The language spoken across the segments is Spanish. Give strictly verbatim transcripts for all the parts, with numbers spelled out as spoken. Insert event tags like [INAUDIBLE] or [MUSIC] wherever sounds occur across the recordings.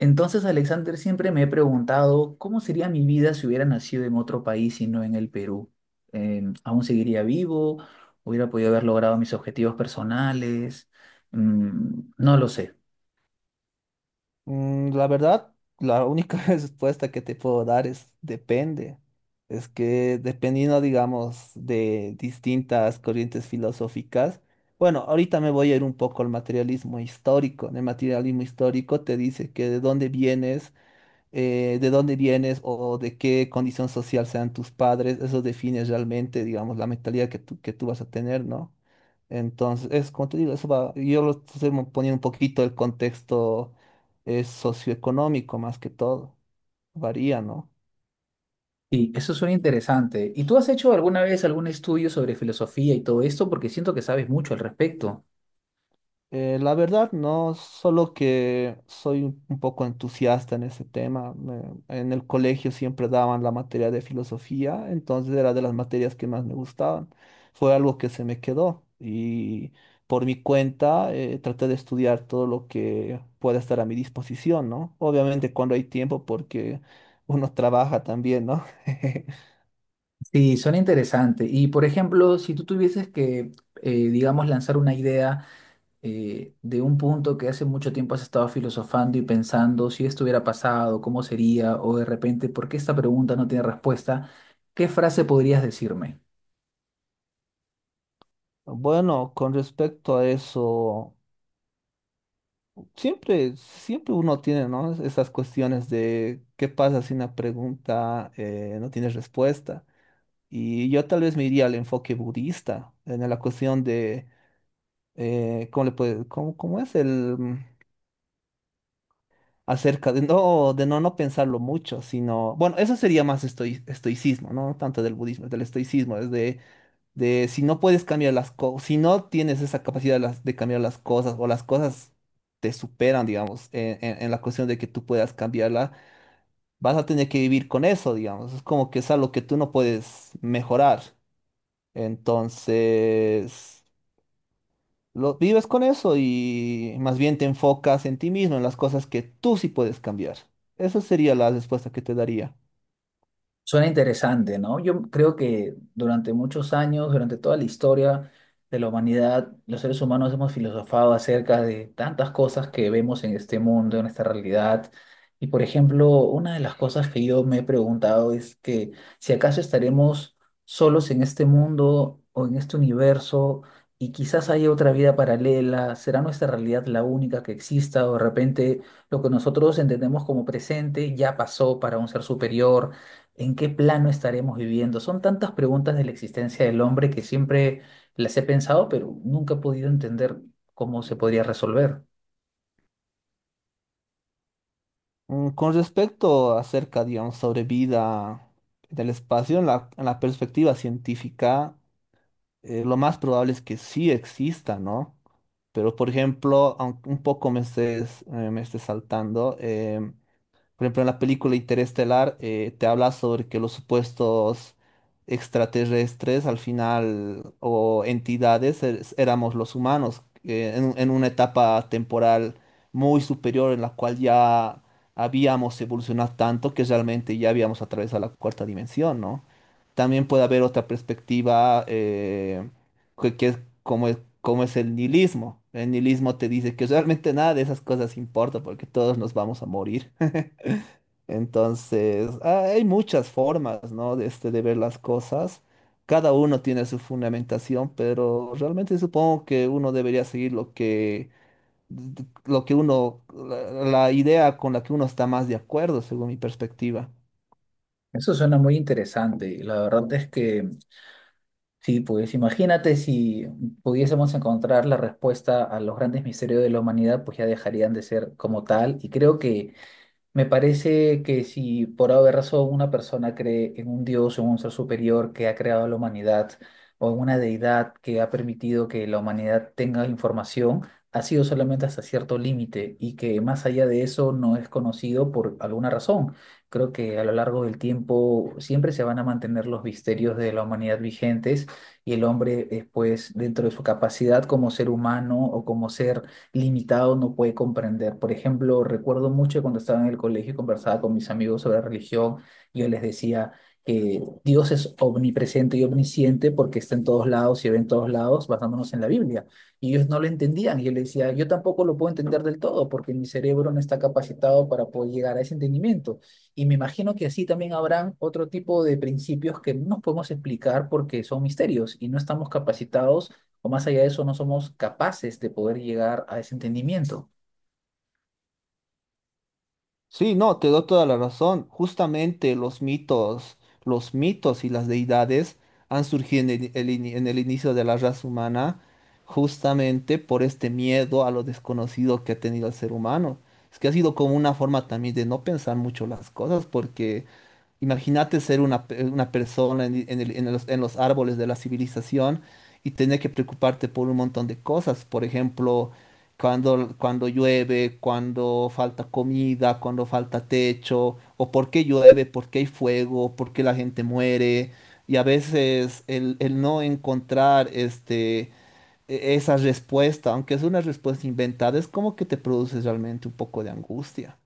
Entonces, Alexander, siempre me he preguntado cómo sería mi vida si hubiera nacido en otro país y no en el Perú. Em, ¿aún seguiría vivo? ¿Hubiera podido haber logrado mis objetivos personales? Mm, no lo sé. Mm, La verdad, la única [LAUGHS] respuesta que te puedo dar es depende. Es que dependiendo, digamos, de distintas corrientes filosóficas, bueno, ahorita me voy a ir un poco al materialismo histórico. En el materialismo histórico te dice que de dónde vienes eh, de dónde vienes o de qué condición social sean tus padres, eso define realmente, digamos, la mentalidad que tú, que tú vas a tener, ¿no? Entonces, es como te digo, eso va, yo lo estoy mo- poniendo un poquito el contexto eh, socioeconómico más que todo, varía, ¿no? Y eso suena interesante. ¿Y tú has hecho alguna vez algún estudio sobre filosofía y todo esto? Porque siento que sabes mucho al respecto. Eh, la verdad, no, solo que soy un un poco entusiasta en ese tema. me- en el colegio siempre daban la materia de filosofía, entonces era de las materias que más me gustaban. Fue algo que se me quedó y por mi cuenta eh, traté de estudiar todo lo que pueda estar a mi disposición, ¿no? Obviamente cuando hay tiempo porque uno trabaja también, ¿no? [LAUGHS] Sí, suena interesante. Y por ejemplo, si tú tuvieses que, eh, digamos, lanzar una idea eh, de un punto que hace mucho tiempo has estado filosofando y pensando si esto hubiera pasado, cómo sería, o de repente, ¿por qué esta pregunta no tiene respuesta? ¿Qué frase podrías decirme? Bueno, con respecto a eso. Siempre, siempre uno tiene, ¿no? Esas cuestiones de qué pasa si una pregunta eh, no tiene respuesta. Y yo tal vez me iría al enfoque budista, en la cuestión de eh, cómo le puede, cómo, cómo es el mm, acerca de no, de no, no pensarlo mucho, sino, bueno, eso sería más estoi- estoicismo, ¿no? Tanto del budismo, del estoicismo, es de de si no puedes cambiar las cosas, si no tienes esa capacidad de, las- de cambiar las cosas o las cosas te superan, digamos, en, en- en la cuestión de que tú puedas cambiarla, vas a tener que vivir con eso, digamos. Es como que es algo que tú no puedes mejorar. Entonces, lo, vives con eso y más bien te enfocas en ti mismo, en las cosas que tú sí puedes cambiar. Esa sería la respuesta que te daría. Suena interesante, ¿no? Yo creo que durante muchos años, durante toda la historia de la humanidad, los seres humanos hemos filosofado acerca de tantas cosas que vemos en este mundo, en esta realidad. Y por ejemplo, una de las cosas que yo me he preguntado es que si acaso estaremos solos en este mundo o en este universo y quizás haya otra vida paralela, ¿será nuestra realidad la única que exista o de repente lo que nosotros entendemos como presente ya pasó para un ser superior? ¿En qué plano estaremos viviendo? Son tantas preguntas de la existencia del hombre que siempre las he pensado, pero nunca he podido entender cómo se podría resolver. Mm, Con respecto acerca, digamos, sobre vida en el espacio, en la, en la perspectiva científica, eh, lo más probable es que sí exista, ¿no? Pero, por ejemplo, aunque un poco me estés, eh, me esté saltando, em, por ejemplo, en la película Interestelar eh, te habla sobre que los supuestos extraterrestres al final o entidades er- éramos los humanos eh, en, un- en una etapa temporal muy superior en la cual ya habíamos evolucionado tanto que realmente ya habíamos atravesado la cuarta dimensión, ¿no? También puede haber otra perspectiva eh, que, que es como, es- como es el nihilismo. El nihilismo te dice que realmente nada de esas cosas importa porque todos nos vamos a morir. Entonces, ah, hay muchas formas, ¿no? De, este, de ver las cosas. Cada uno tiene su fundamentación, pero realmente supongo que uno debería seguir lo que, lo que uno, la la idea con la que uno está más de acuerdo, según mi perspectiva. Eso suena muy interesante. La verdad es que sí, pues imagínate si pudiésemos encontrar la respuesta a los grandes misterios de la humanidad, pues ya dejarían de ser como tal. Y creo que me parece que si por alguna razón una persona cree en un Dios o en un ser superior que ha creado a la humanidad o en una deidad que ha permitido que la humanidad tenga información, ha sido solamente hasta cierto límite y que más allá de eso no es conocido por alguna razón. Creo que a lo largo del tiempo siempre se van a mantener los misterios de la humanidad vigentes y el hombre después, dentro de su capacidad como ser humano o como ser limitado no puede comprender. Por ejemplo, recuerdo mucho cuando estaba en el colegio y conversaba con mis amigos sobre religión, yo les decía que Dios es omnipresente y omnisciente porque está en todos lados y ve en todos lados basándonos en la Biblia. Y ellos no lo entendían. Y yo les decía, yo tampoco lo puedo entender del todo porque mi cerebro no está capacitado para poder llegar a ese entendimiento. Y me imagino que así también habrán otro tipo de principios que no nos podemos explicar porque son misterios y no estamos capacitados o más allá de eso no somos capaces de poder llegar a ese entendimiento. Sí, no, te doy toda la razón. Justamente los mitos, los mitos y las deidades han surgido en el, el ini- en el inicio de la raza humana, justamente por este miedo a lo desconocido que ha tenido el ser humano. Es que ha sido como una forma también de no pensar mucho las cosas, porque imagínate ser una, pe- una persona en, en el- en los, en los árboles de la civilización y tener que preocuparte por un montón de cosas. Por ejemplo, cuando, cuando llueve, cuando falta comida, cuando falta techo, o por qué llueve, por qué hay fuego, por qué la gente muere. Y a veces el, el no encontrar este, e- esa respuesta, aunque es una respuesta inventada, es como que te produce realmente un poco de angustia.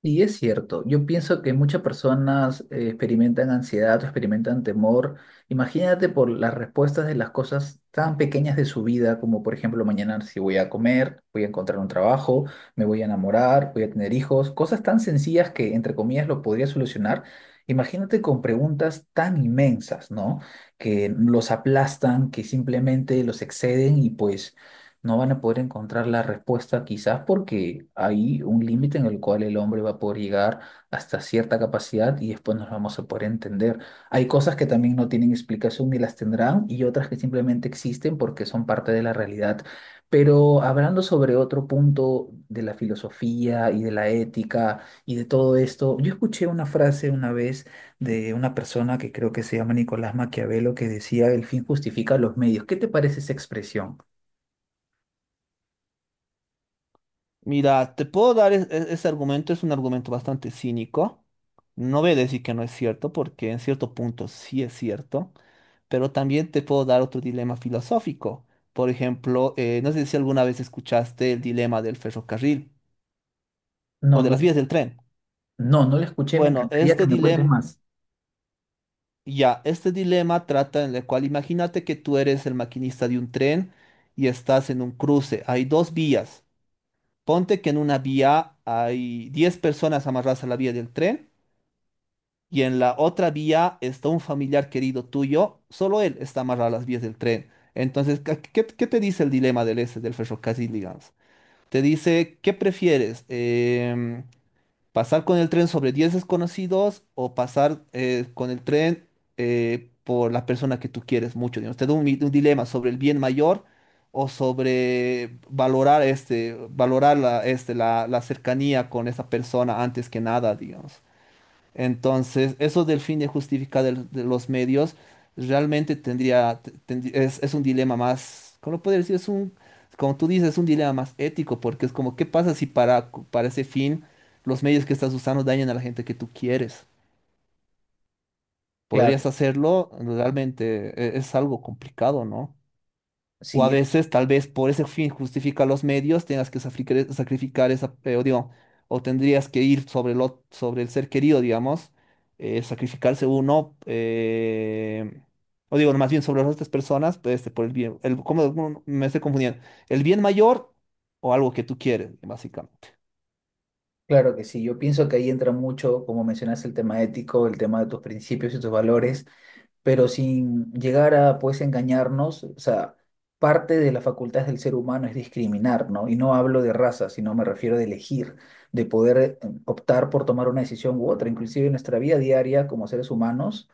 Y es cierto, yo pienso que muchas personas eh, experimentan ansiedad o experimentan temor. Imagínate por las respuestas de las cosas tan pequeñas de su vida, como por ejemplo mañana si voy a comer, voy a encontrar un trabajo, me voy a enamorar, voy a tener hijos, cosas tan sencillas que entre comillas lo podría solucionar. Imagínate con preguntas tan inmensas, ¿no? Que los aplastan, que simplemente los exceden y pues no van a poder encontrar la respuesta quizás porque hay un límite en el cual el hombre va a poder llegar hasta cierta capacidad y después nos vamos a poder entender. Hay cosas que también no tienen explicación ni las tendrán y otras que simplemente existen porque son parte de la realidad. Pero hablando sobre otro punto de la filosofía y de la ética y de todo esto, yo escuché una frase una vez de una persona que creo que se llama Nicolás Maquiavelo que decía el fin justifica los medios. ¿Qué te parece esa expresión? Mira, te puedo dar es- es- ese argumento, es un argumento bastante cínico. No voy a decir que no es cierto, porque en cierto punto sí es cierto, pero también te puedo dar otro dilema filosófico. Por ejemplo, eh, no sé si alguna vez escuchaste el dilema del ferrocarril No, o de no. las vías del tren. No, no la escuché, me Bueno, encantaría que este me cuentes dilema, más. ya, este dilema trata en el cual imagínate que tú eres el maquinista de un tren y estás en un cruce. Hay dos vías. Ponte que en una vía hay diez personas amarradas a la vía del tren y en la otra vía está un familiar querido tuyo, solo él está amarrado a las vías del tren. Entonces, ¿qué, qué- qué te dice el dilema del este, del ferrocarril, digamos? Te dice, ¿qué prefieres? Em, ¿pasar con el tren sobre diez desconocidos o pasar eh, con el tren eh, por la persona que tú quieres mucho? Digamos, te da un, mi- un dilema sobre el bien mayor o sobre valorar, este, valorar la, este, la, la cercanía con esa persona antes que nada, digamos. Entonces, eso del fin de justificar el- de los medios realmente tendría, te- tendrí- es, es un dilema más, ¿cómo lo puedo decir? Es un, como tú dices, es un dilema más ético, porque es como, ¿qué pasa si para, para ese fin los medios que estás usando dañan a la gente que tú quieres? ¿Podrías Claro, hacerlo? Realmente e- es algo complicado, ¿no? O a sí, es- veces, tal vez por ese fin justifica los medios, tengas que safricar- sacrificar esa, eh, o digo, o tendrías que ir sobre el, ot- sobre el ser querido, digamos, eh, sacrificarse uno, eh, o digo, más bien sobre las otras personas, pues, este, por el bien, el, ¿cómo cómo me estoy confundiendo? ¿El bien mayor o algo que tú quieres, básicamente? claro que sí. Yo pienso que ahí entra mucho, como mencionaste, el tema ético, el tema de tus principios y tus valores, pero sin llegar a pues engañarnos, o sea, parte de las facultades del ser humano es discriminar, ¿no? Y no hablo de raza, sino me refiero de elegir, de poder eh, optar por tomar una decisión u otra, inclusive en nuestra vida diaria como seres humanos.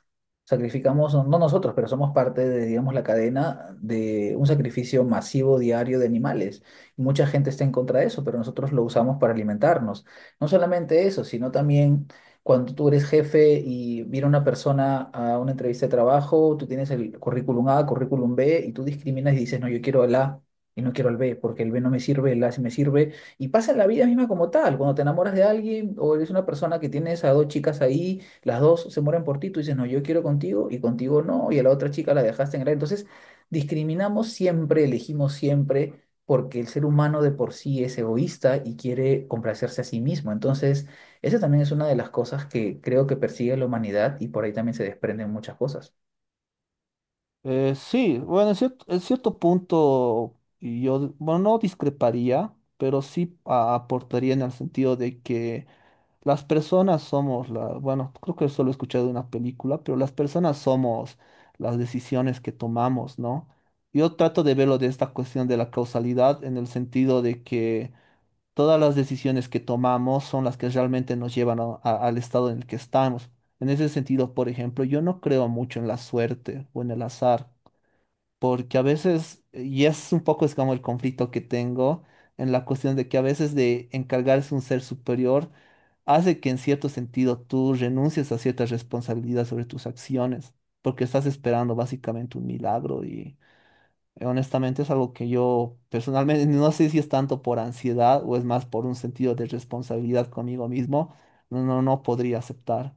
Sacrificamos, no, no nosotros, pero somos parte de, digamos, la cadena de un sacrificio masivo diario de animales. Mucha gente está en contra de eso, pero nosotros lo usamos para alimentarnos. No solamente eso, sino también cuando tú eres jefe y viene una persona a una entrevista de trabajo, tú tienes el currículum A, currículum B, y tú discriminas y dices, no, yo quiero el A y no quiero el B, porque el B no me sirve, el A sí me sirve. Y pasa en la vida misma como tal. Cuando te enamoras de alguien o eres una persona que tienes a dos chicas ahí, las dos se mueren por ti, tú dices, no, yo quiero contigo y contigo no, y a la otra chica la dejaste en el A. Entonces, discriminamos siempre, elegimos siempre, porque el ser humano de por sí es egoísta y quiere complacerse a sí mismo. Entonces, esa también es una de las cosas que creo que persigue la humanidad y por ahí también se desprenden muchas cosas. Eh, sí, bueno, en cierto, en cierto punto yo, bueno, no discreparía, pero sí a- aportaría en el sentido de que las personas somos la, bueno, creo que solo he escuchado de una película, pero las personas somos las decisiones que tomamos, ¿no? Yo trato de verlo de esta cuestión de la causalidad en el sentido de que todas las decisiones que tomamos son las que realmente nos llevan a- a- al estado en el que estamos. En ese sentido, por ejemplo, yo no creo mucho en la suerte o en el azar, porque a veces, y es un poco es como el conflicto que tengo en la cuestión de que a veces de encargarse un ser superior, hace que en cierto sentido tú renuncies a ciertas responsabilidades sobre tus acciones, porque estás esperando básicamente un milagro y eh, honestamente es algo que yo personalmente [LAUGHS] no sé si es tanto por ansiedad o es más por un sentido de responsabilidad conmigo mismo, no, no, no podría aceptar.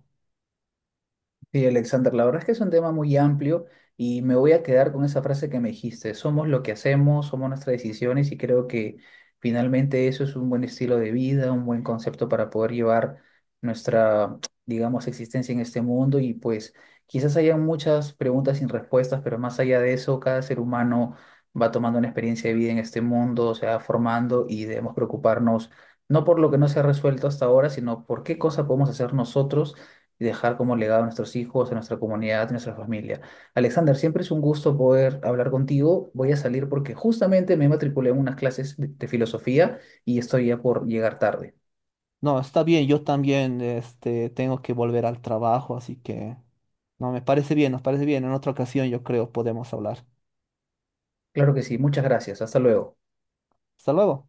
Sí, Alexander, la verdad es que es un tema muy amplio y me voy a quedar con esa frase que me dijiste, somos lo que hacemos, somos nuestras decisiones y creo que finalmente eso es un buen estilo de vida, un buen concepto para poder llevar nuestra, digamos, existencia en este mundo y pues quizás haya muchas preguntas sin respuestas, pero más allá de eso, cada ser humano va tomando una experiencia de vida en este mundo, se va formando y debemos preocuparnos no por lo que no se ha resuelto hasta ahora, sino por qué cosa podemos hacer nosotros y dejar como legado a nuestros hijos, a nuestra comunidad, a nuestra familia. Alexander, siempre es un gusto poder hablar contigo. Voy a salir porque justamente me matriculé en unas clases de de filosofía y estoy ya por llegar tarde. No, está bien, yo también este, tengo que volver al trabajo, así que no, me parece bien, nos parece bien. En otra ocasión yo creo podemos hablar. Claro que sí, muchas gracias. Hasta luego. Hasta luego.